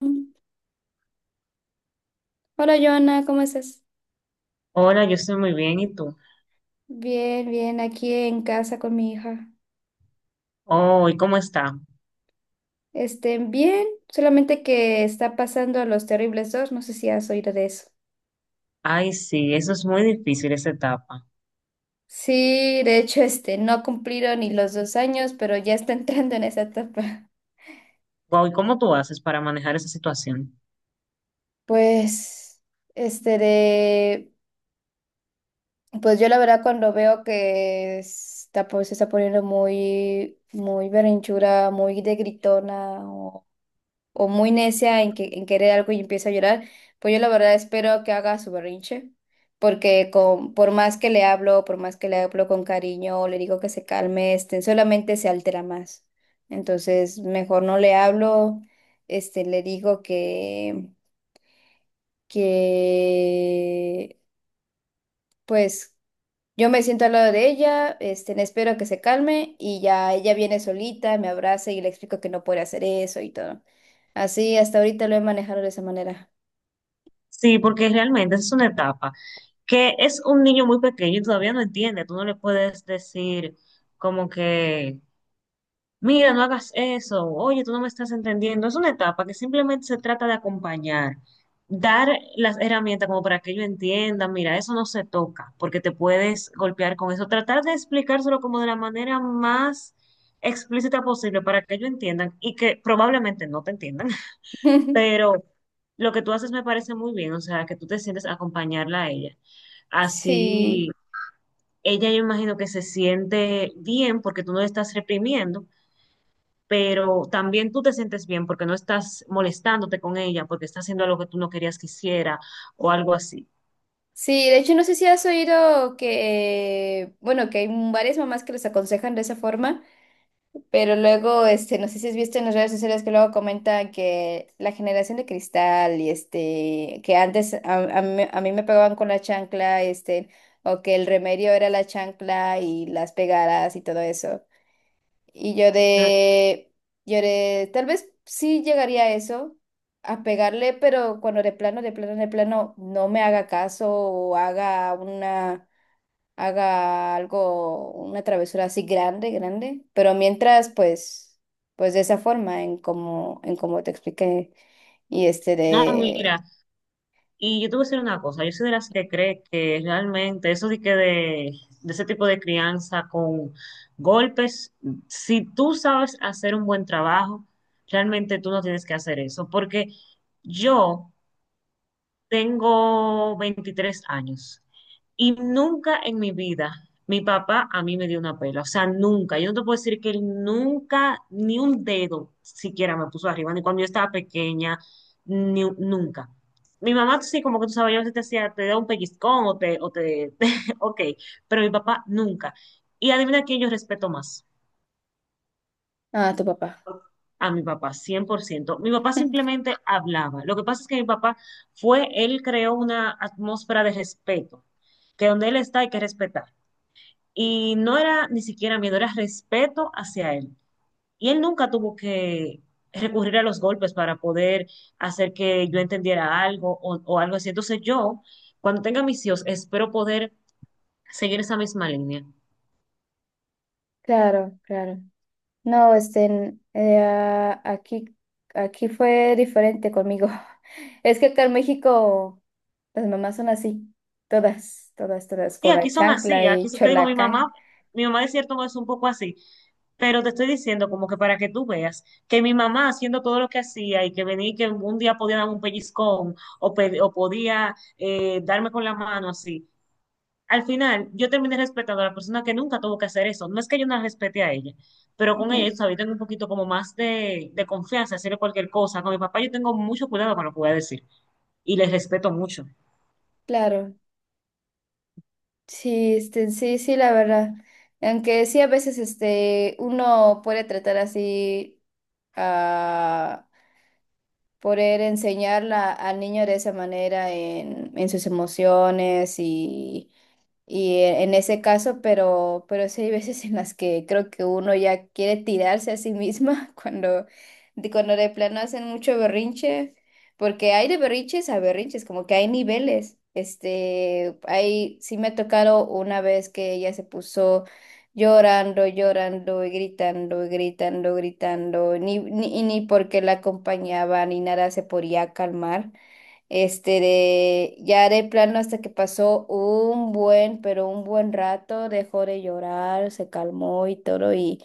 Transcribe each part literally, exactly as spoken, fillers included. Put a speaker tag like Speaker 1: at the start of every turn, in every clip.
Speaker 1: Hola, Joana, ¿cómo estás?
Speaker 2: Hola, yo estoy muy bien, ¿y tú?
Speaker 1: Bien, bien, aquí en casa con mi hija.
Speaker 2: Oh, ¿y cómo está?
Speaker 1: Este, bien, solamente que está pasando Los Terribles dos, no sé si has oído de eso.
Speaker 2: Ay, sí, eso es muy difícil, esa etapa.
Speaker 1: Sí, de hecho, este, no cumplieron ni los dos años, pero ya está entrando en esa etapa.
Speaker 2: Wow, ¿y cómo tú haces para manejar esa situación?
Speaker 1: Pues, este de, pues yo la verdad cuando veo que está, pues, se está poniendo muy, muy berrinchuda, muy de gritona o muy necia en, que, en querer algo y empieza a llorar, pues yo la verdad espero que haga su berrinche, porque con, por más que le hablo, por más que le hablo con cariño, le digo que se calme, este, solamente se altera más. Entonces, mejor no le hablo, este, le digo que, que, pues... Yo me siento al lado de ella, este, le espero que se calme y ya ella viene solita, me abraza y le explico que no puede hacer eso y todo. Así hasta ahorita lo he manejado de esa manera.
Speaker 2: Sí, porque realmente es una etapa que es un niño muy pequeño y todavía no entiende. Tú no le puedes decir como que mira, no hagas eso, oye, tú no me estás entendiendo. Es una etapa que simplemente se trata de acompañar, dar las herramientas como para que ellos entiendan, mira, eso no se toca, porque te puedes golpear con eso. Tratar de explicárselo como de la manera más explícita posible para que ellos entiendan y que probablemente no te entiendan, pero lo que tú haces me parece muy bien, o sea, que tú te sientes a acompañarla a ella. Así,
Speaker 1: Sí,
Speaker 2: ella yo imagino que se siente bien porque tú no le estás reprimiendo, pero también tú te sientes bien porque no estás molestándote con ella, porque está haciendo algo que tú no querías que hiciera o algo así.
Speaker 1: sí, de hecho no sé si has oído que, eh, bueno, que hay varias mamás que les aconsejan de esa forma, pero luego, este, no sé si has visto en las redes sociales que luego comentan que la generación de cristal y este, que antes a, a mí, a mí me pegaban con la chancla, este, o que el remedio era la chancla y las pegadas y todo eso. Y yo
Speaker 2: Mm.
Speaker 1: de, yo de, Tal vez sí llegaría a eso, a pegarle, pero cuando de plano, de plano, de plano, no me haga caso o haga una, haga algo, una travesura así grande, grande. Pero mientras, pues, pues, de esa forma, en como, en como te expliqué, y este
Speaker 2: No,
Speaker 1: de,
Speaker 2: mira, y yo te voy a decir una cosa, yo soy de las que cree que realmente eso de que de, de ese tipo de crianza con golpes, si tú sabes hacer un buen trabajo, realmente tú no tienes que hacer eso, porque yo tengo veintitrés años y nunca en mi vida mi papá a mí me dio una pela. O sea, nunca. Yo no te puedo decir que él nunca, ni un dedo siquiera me puso arriba, ni cuando yo estaba pequeña, ni, un- nunca. Mi mamá sí, como que tú sabes, yo a veces te hacía, te da un pellizcón o te, o te, ok, pero mi papá nunca. Y adivina quién yo respeto más,
Speaker 1: ah, tu papá.
Speaker 2: a mi papá, cien por ciento. Mi papá simplemente hablaba. Lo que pasa es que mi papá fue, él creó una atmósfera de respeto, que donde él está hay que respetar. Y no era ni siquiera miedo, era respeto hacia él. Y él nunca tuvo que recurrir a los golpes para poder hacer que yo entendiera algo o, o algo así. Entonces yo, cuando tenga mis hijos, espero poder seguir esa misma línea.
Speaker 1: Claro, claro. No, este, eh, aquí, aquí fue diferente conmigo. Es que acá en México las mamás son así, todas, todas, todas,
Speaker 2: Y
Speaker 1: con la
Speaker 2: aquí son así,
Speaker 1: chancla
Speaker 2: aquí
Speaker 1: y
Speaker 2: so- te digo, mi mamá,
Speaker 1: cholacán.
Speaker 2: mi mamá de cierto modo es un poco así, pero te estoy diciendo como que para que tú veas que mi mamá haciendo todo lo que hacía y que venía y que un día podía darme un pellizcón o, pe- o podía eh, darme con la mano así, al final yo terminé respetando a la persona que nunca tuvo que hacer eso. No es que yo no la respete a ella, pero con ella,
Speaker 1: Ujú.
Speaker 2: ¿sabes? Tengo un poquito como más de, de confianza, hacerle cualquier cosa. Con mi papá yo tengo mucho cuidado con lo que voy a decir y les respeto mucho.
Speaker 1: Claro, sí, este, sí, sí, la verdad. Aunque sí a veces este, uno puede tratar así a poder enseñarla al niño de esa manera en, en sus emociones. y Y e- en ese caso, pero, pero sí hay veces en las que creo que uno ya quiere tirarse a sí misma cuando, de- cuando de plano hacen mucho berrinche, porque hay de berrinches a berrinches, como que hay niveles. Este, hay, sí me ha tocado una vez que ella se puso llorando, llorando y gritando, y gritando, gritando, ni, ni, y ni porque la acompañaba ni nada se podía calmar. Este de Ya de plano hasta que pasó un buen, pero un buen rato, dejó de llorar, se calmó y todo, y,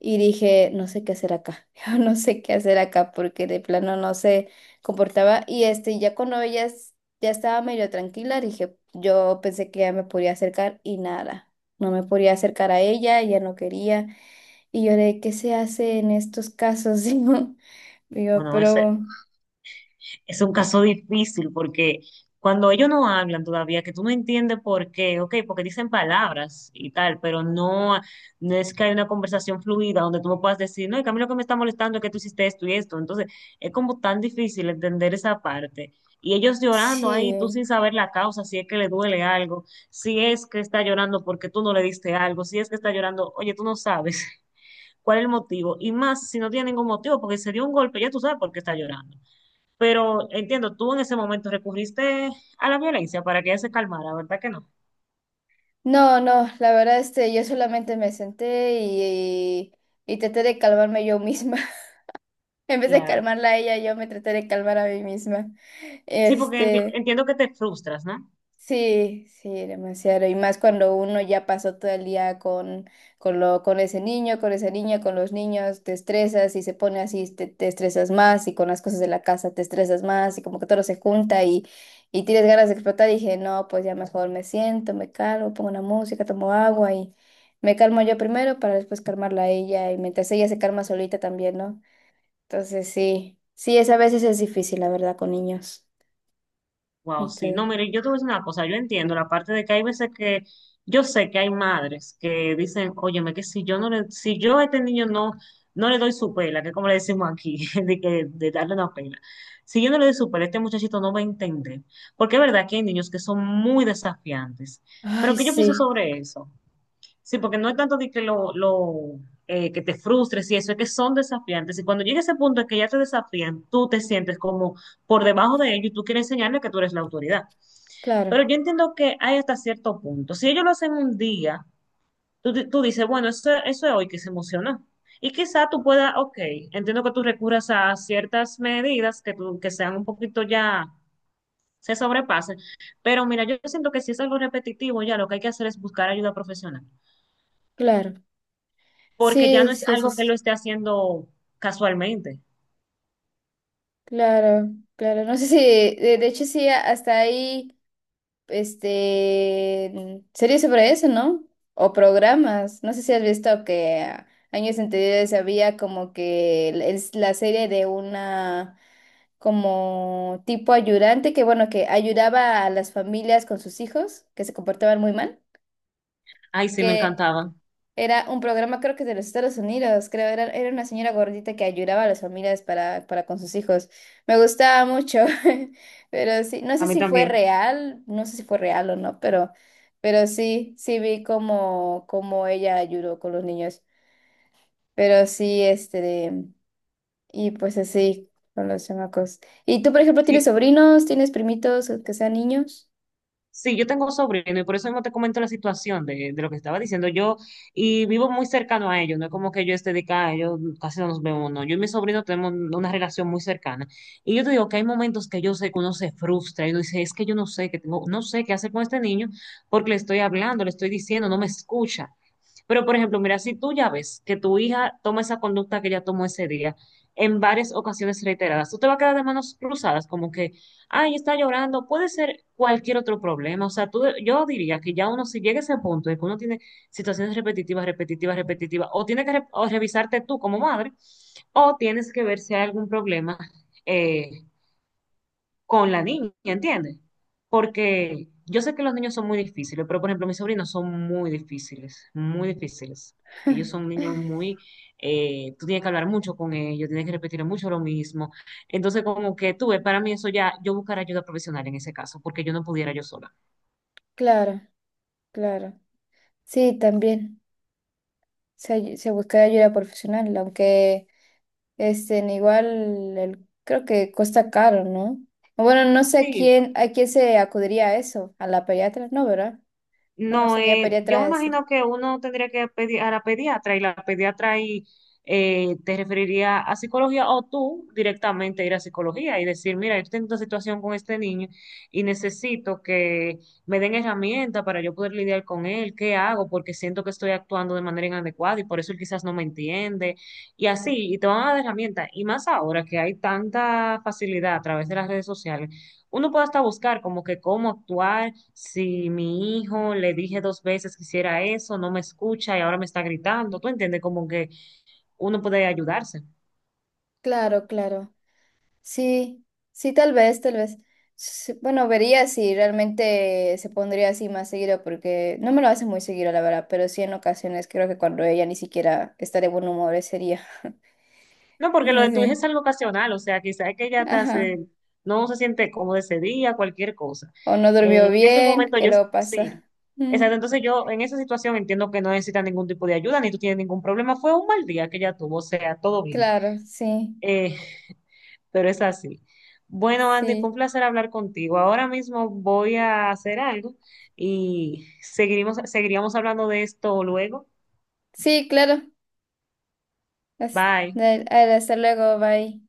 Speaker 1: y dije, no sé qué hacer acá, yo no sé qué hacer acá, porque de plano no se comportaba. Y este, ya cuando ella es- ya estaba medio tranquila, dije, yo pensé que ya me podía acercar y nada, no me podía acercar a ella, ella no quería. Y yo de, ¿qué se hace en estos casos? Digo,
Speaker 2: Bueno,
Speaker 1: pero
Speaker 2: es un caso difícil porque cuando ellos no hablan todavía, que tú no entiendes por qué, ok, porque dicen palabras y tal, pero no, no es que hay una conversación fluida donde tú me puedas decir, no, y que a mí lo que me está molestando es que tú hiciste esto y esto. Entonces, es como tan difícil entender esa parte. Y ellos llorando ahí, tú sin
Speaker 1: sí.
Speaker 2: saber la causa, si es que le duele algo, si es que está llorando porque tú no le diste algo, si es que está llorando, oye, tú no sabes cuál es el motivo. Y más si no tiene ningún motivo, porque se dio un golpe, ya tú sabes por qué está llorando. Pero entiendo, tú en ese momento recurriste a la violencia para que ella se calmara, ¿verdad que no?
Speaker 1: No, no, la verdad, este, yo solamente me senté y, y, y traté de calmarme yo misma. En vez de
Speaker 2: Claro.
Speaker 1: calmarla a ella, yo me traté de calmar a mí misma.
Speaker 2: Sí, porque enti-
Speaker 1: Este,
Speaker 2: entiendo que te frustras, ¿no?
Speaker 1: Sí, sí, demasiado. Y más cuando uno ya pasó todo el día con, con, lo, con ese niño, con esa niña, con los niños, te estresas y se pone así, te, te estresas más y con las cosas de la casa te estresas más y como que todo se junta y, y tienes ganas de explotar. Y dije, no, pues ya mejor me siento, me calmo, pongo una música, tomo agua y me calmo yo primero para después calmarla a ella y mientras ella se calma solita también, ¿no? Entonces sí, sí, es a veces es difícil, la verdad, con niños.
Speaker 2: Wow, sí. No,
Speaker 1: Este,
Speaker 2: mire, yo te voy a decir una cosa, yo entiendo la parte de que hay veces que yo sé que hay madres que dicen, óyeme, que si yo no le, si yo a este niño no, no le doy su pela, que es como le decimos aquí, de que, de darle una pela. Si yo no le doy su pela, este muchachito no va a entender. Porque es verdad que hay niños que son muy desafiantes.
Speaker 1: Ay,
Speaker 2: Pero ¿qué yo pienso
Speaker 1: sí,
Speaker 2: sobre eso? Sí, porque no es tanto de que lo, lo, eh, que te frustres y eso, es que son desafiantes. Y cuando llega ese punto en que ya te desafían, tú te sientes como por debajo de ellos y tú quieres enseñarles que tú eres la autoridad.
Speaker 1: claro.
Speaker 2: Pero yo entiendo que hay hasta cierto punto. Si ellos lo hacen un día, tú, di- tú dices, bueno, eso, eso es hoy que se emociona. Y quizá tú puedas, ok, entiendo que tú recurras a ciertas medidas que, tú, que sean un poquito ya, se sobrepasen. Pero mira, yo siento que si es algo repetitivo, ya lo que hay que hacer es buscar ayuda profesional.
Speaker 1: Claro,
Speaker 2: Porque ya no
Speaker 1: sí,
Speaker 2: es
Speaker 1: sí, eso
Speaker 2: algo que
Speaker 1: es,
Speaker 2: lo esté haciendo casualmente.
Speaker 1: claro, claro, no sé si, de, de hecho sí, a- hasta ahí este, mm, series sobre eso, ¿no? O programas, no sé si has visto que ah, años anteriores había como que el- el- la serie de una, como tipo ayudante, que bueno, que ayudaba a las familias con sus hijos, que se comportaban muy mal.
Speaker 2: Ay, sí, me encantaba.
Speaker 1: Era un programa, creo que de los Estados Unidos, creo, era, era una señora gordita que ayudaba a las familias para, para con sus hijos. Me gustaba mucho, pero sí, no
Speaker 2: A
Speaker 1: sé
Speaker 2: mí
Speaker 1: si fue
Speaker 2: también.
Speaker 1: real, no sé si fue real o no, pero, pero, sí, sí vi cómo, cómo ella ayudó con los niños. Pero sí, este, de- y pues así, con los chamacos. ¿Y tú, por ejemplo, tienes
Speaker 2: Sí,
Speaker 1: sobrinos, tienes primitos que sean niños?
Speaker 2: sí, yo tengo sobrino y por eso mismo te comento la situación de, de lo que estaba diciendo yo, y vivo muy cercano a ellos, no es como que yo esté de acá, ellos casi no nos vemos, no, yo y mi sobrino tenemos una relación muy cercana, y yo te digo que hay momentos que yo sé que uno se frustra y uno dice, es que yo no sé, que tengo, no sé qué hacer con este niño porque le estoy hablando, le estoy diciendo, no me escucha. Pero, por ejemplo, mira, si tú ya ves que tu hija toma esa conducta que ella tomó ese día en varias ocasiones reiteradas, tú te vas a quedar de manos cruzadas, como que ay, está llorando, puede ser cualquier otro problema. O sea, tú, yo diría que ya uno, si llega a ese punto de que uno tiene situaciones repetitivas, repetitivas, repetitivas, o tienes que re- o revisarte tú como madre, o tienes que ver si hay algún problema. eh, con la niña, ¿entiendes? Porque yo sé que los niños son muy difíciles, pero por ejemplo, mis sobrinos son muy difíciles, muy difíciles. Ellos son niños muy, eh, tú tienes que hablar mucho con ellos, tienes que repetir mucho lo mismo. Entonces, como que tuve, para mí eso ya, yo buscar ayuda profesional en ese caso, porque yo no pudiera yo sola.
Speaker 1: Claro, claro. Sí, también. Se, ay- se busca ayuda profesional, aunque... Este, en igual el- creo que cuesta caro, ¿no? Bueno, no sé a
Speaker 2: Sí,
Speaker 1: quién, a quién se acudiría a eso, a la pediatra, no, ¿verdad? No, no
Speaker 2: no,
Speaker 1: sería
Speaker 2: eh, yo me
Speaker 1: pediatra ese.
Speaker 2: imagino que uno tendría que pedir a la pediatra y la pediatra ahí eh, te referiría a psicología, o tú directamente ir a psicología y decir, mira, yo tengo esta situación con este niño y necesito que me den herramientas para yo poder lidiar con él, ¿qué hago? Porque siento que estoy actuando de manera inadecuada y por eso él quizás no me entiende, y así, y te van a dar herramientas. Y más ahora que hay tanta facilidad a través de las redes sociales, uno puede hasta buscar como que cómo actuar si mi hijo le dije dos veces que hiciera eso, no me escucha y ahora me está gritando. ¿Tú entiendes? Como que uno puede ayudarse.
Speaker 1: Claro, claro. Sí, sí, tal vez, tal vez. Sí, bueno, vería si realmente se pondría así más seguido, porque no me lo hace muy seguido, la verdad, pero sí en ocasiones creo que cuando ella ni siquiera está de buen humor ese día.
Speaker 2: No,
Speaker 1: Sí,
Speaker 2: porque lo de tu hija es
Speaker 1: sí,
Speaker 2: algo ocasional, o sea, quizás es que ella
Speaker 1: sí.
Speaker 2: está,
Speaker 1: Ajá.
Speaker 2: se- no se siente cómoda ese día, cualquier cosa.
Speaker 1: O no durmió
Speaker 2: Eh, en ese
Speaker 1: bien,
Speaker 2: momento
Speaker 1: ¿qué
Speaker 2: yo
Speaker 1: luego pasa?
Speaker 2: sí. Exacto, entonces yo en esa situación entiendo que no necesita ningún tipo de ayuda, ni tú tienes ningún problema. Fue un mal día que ella tuvo, o sea, todo bien.
Speaker 1: Claro, sí.
Speaker 2: Eh, pero es así. Bueno, Andy, fue un
Speaker 1: Sí,
Speaker 2: placer hablar contigo. Ahora mismo voy a hacer algo y seguiremos, seguiríamos hablando de esto luego.
Speaker 1: sí, claro. Has-
Speaker 2: Bye.
Speaker 1: Dale, hasta luego, bye.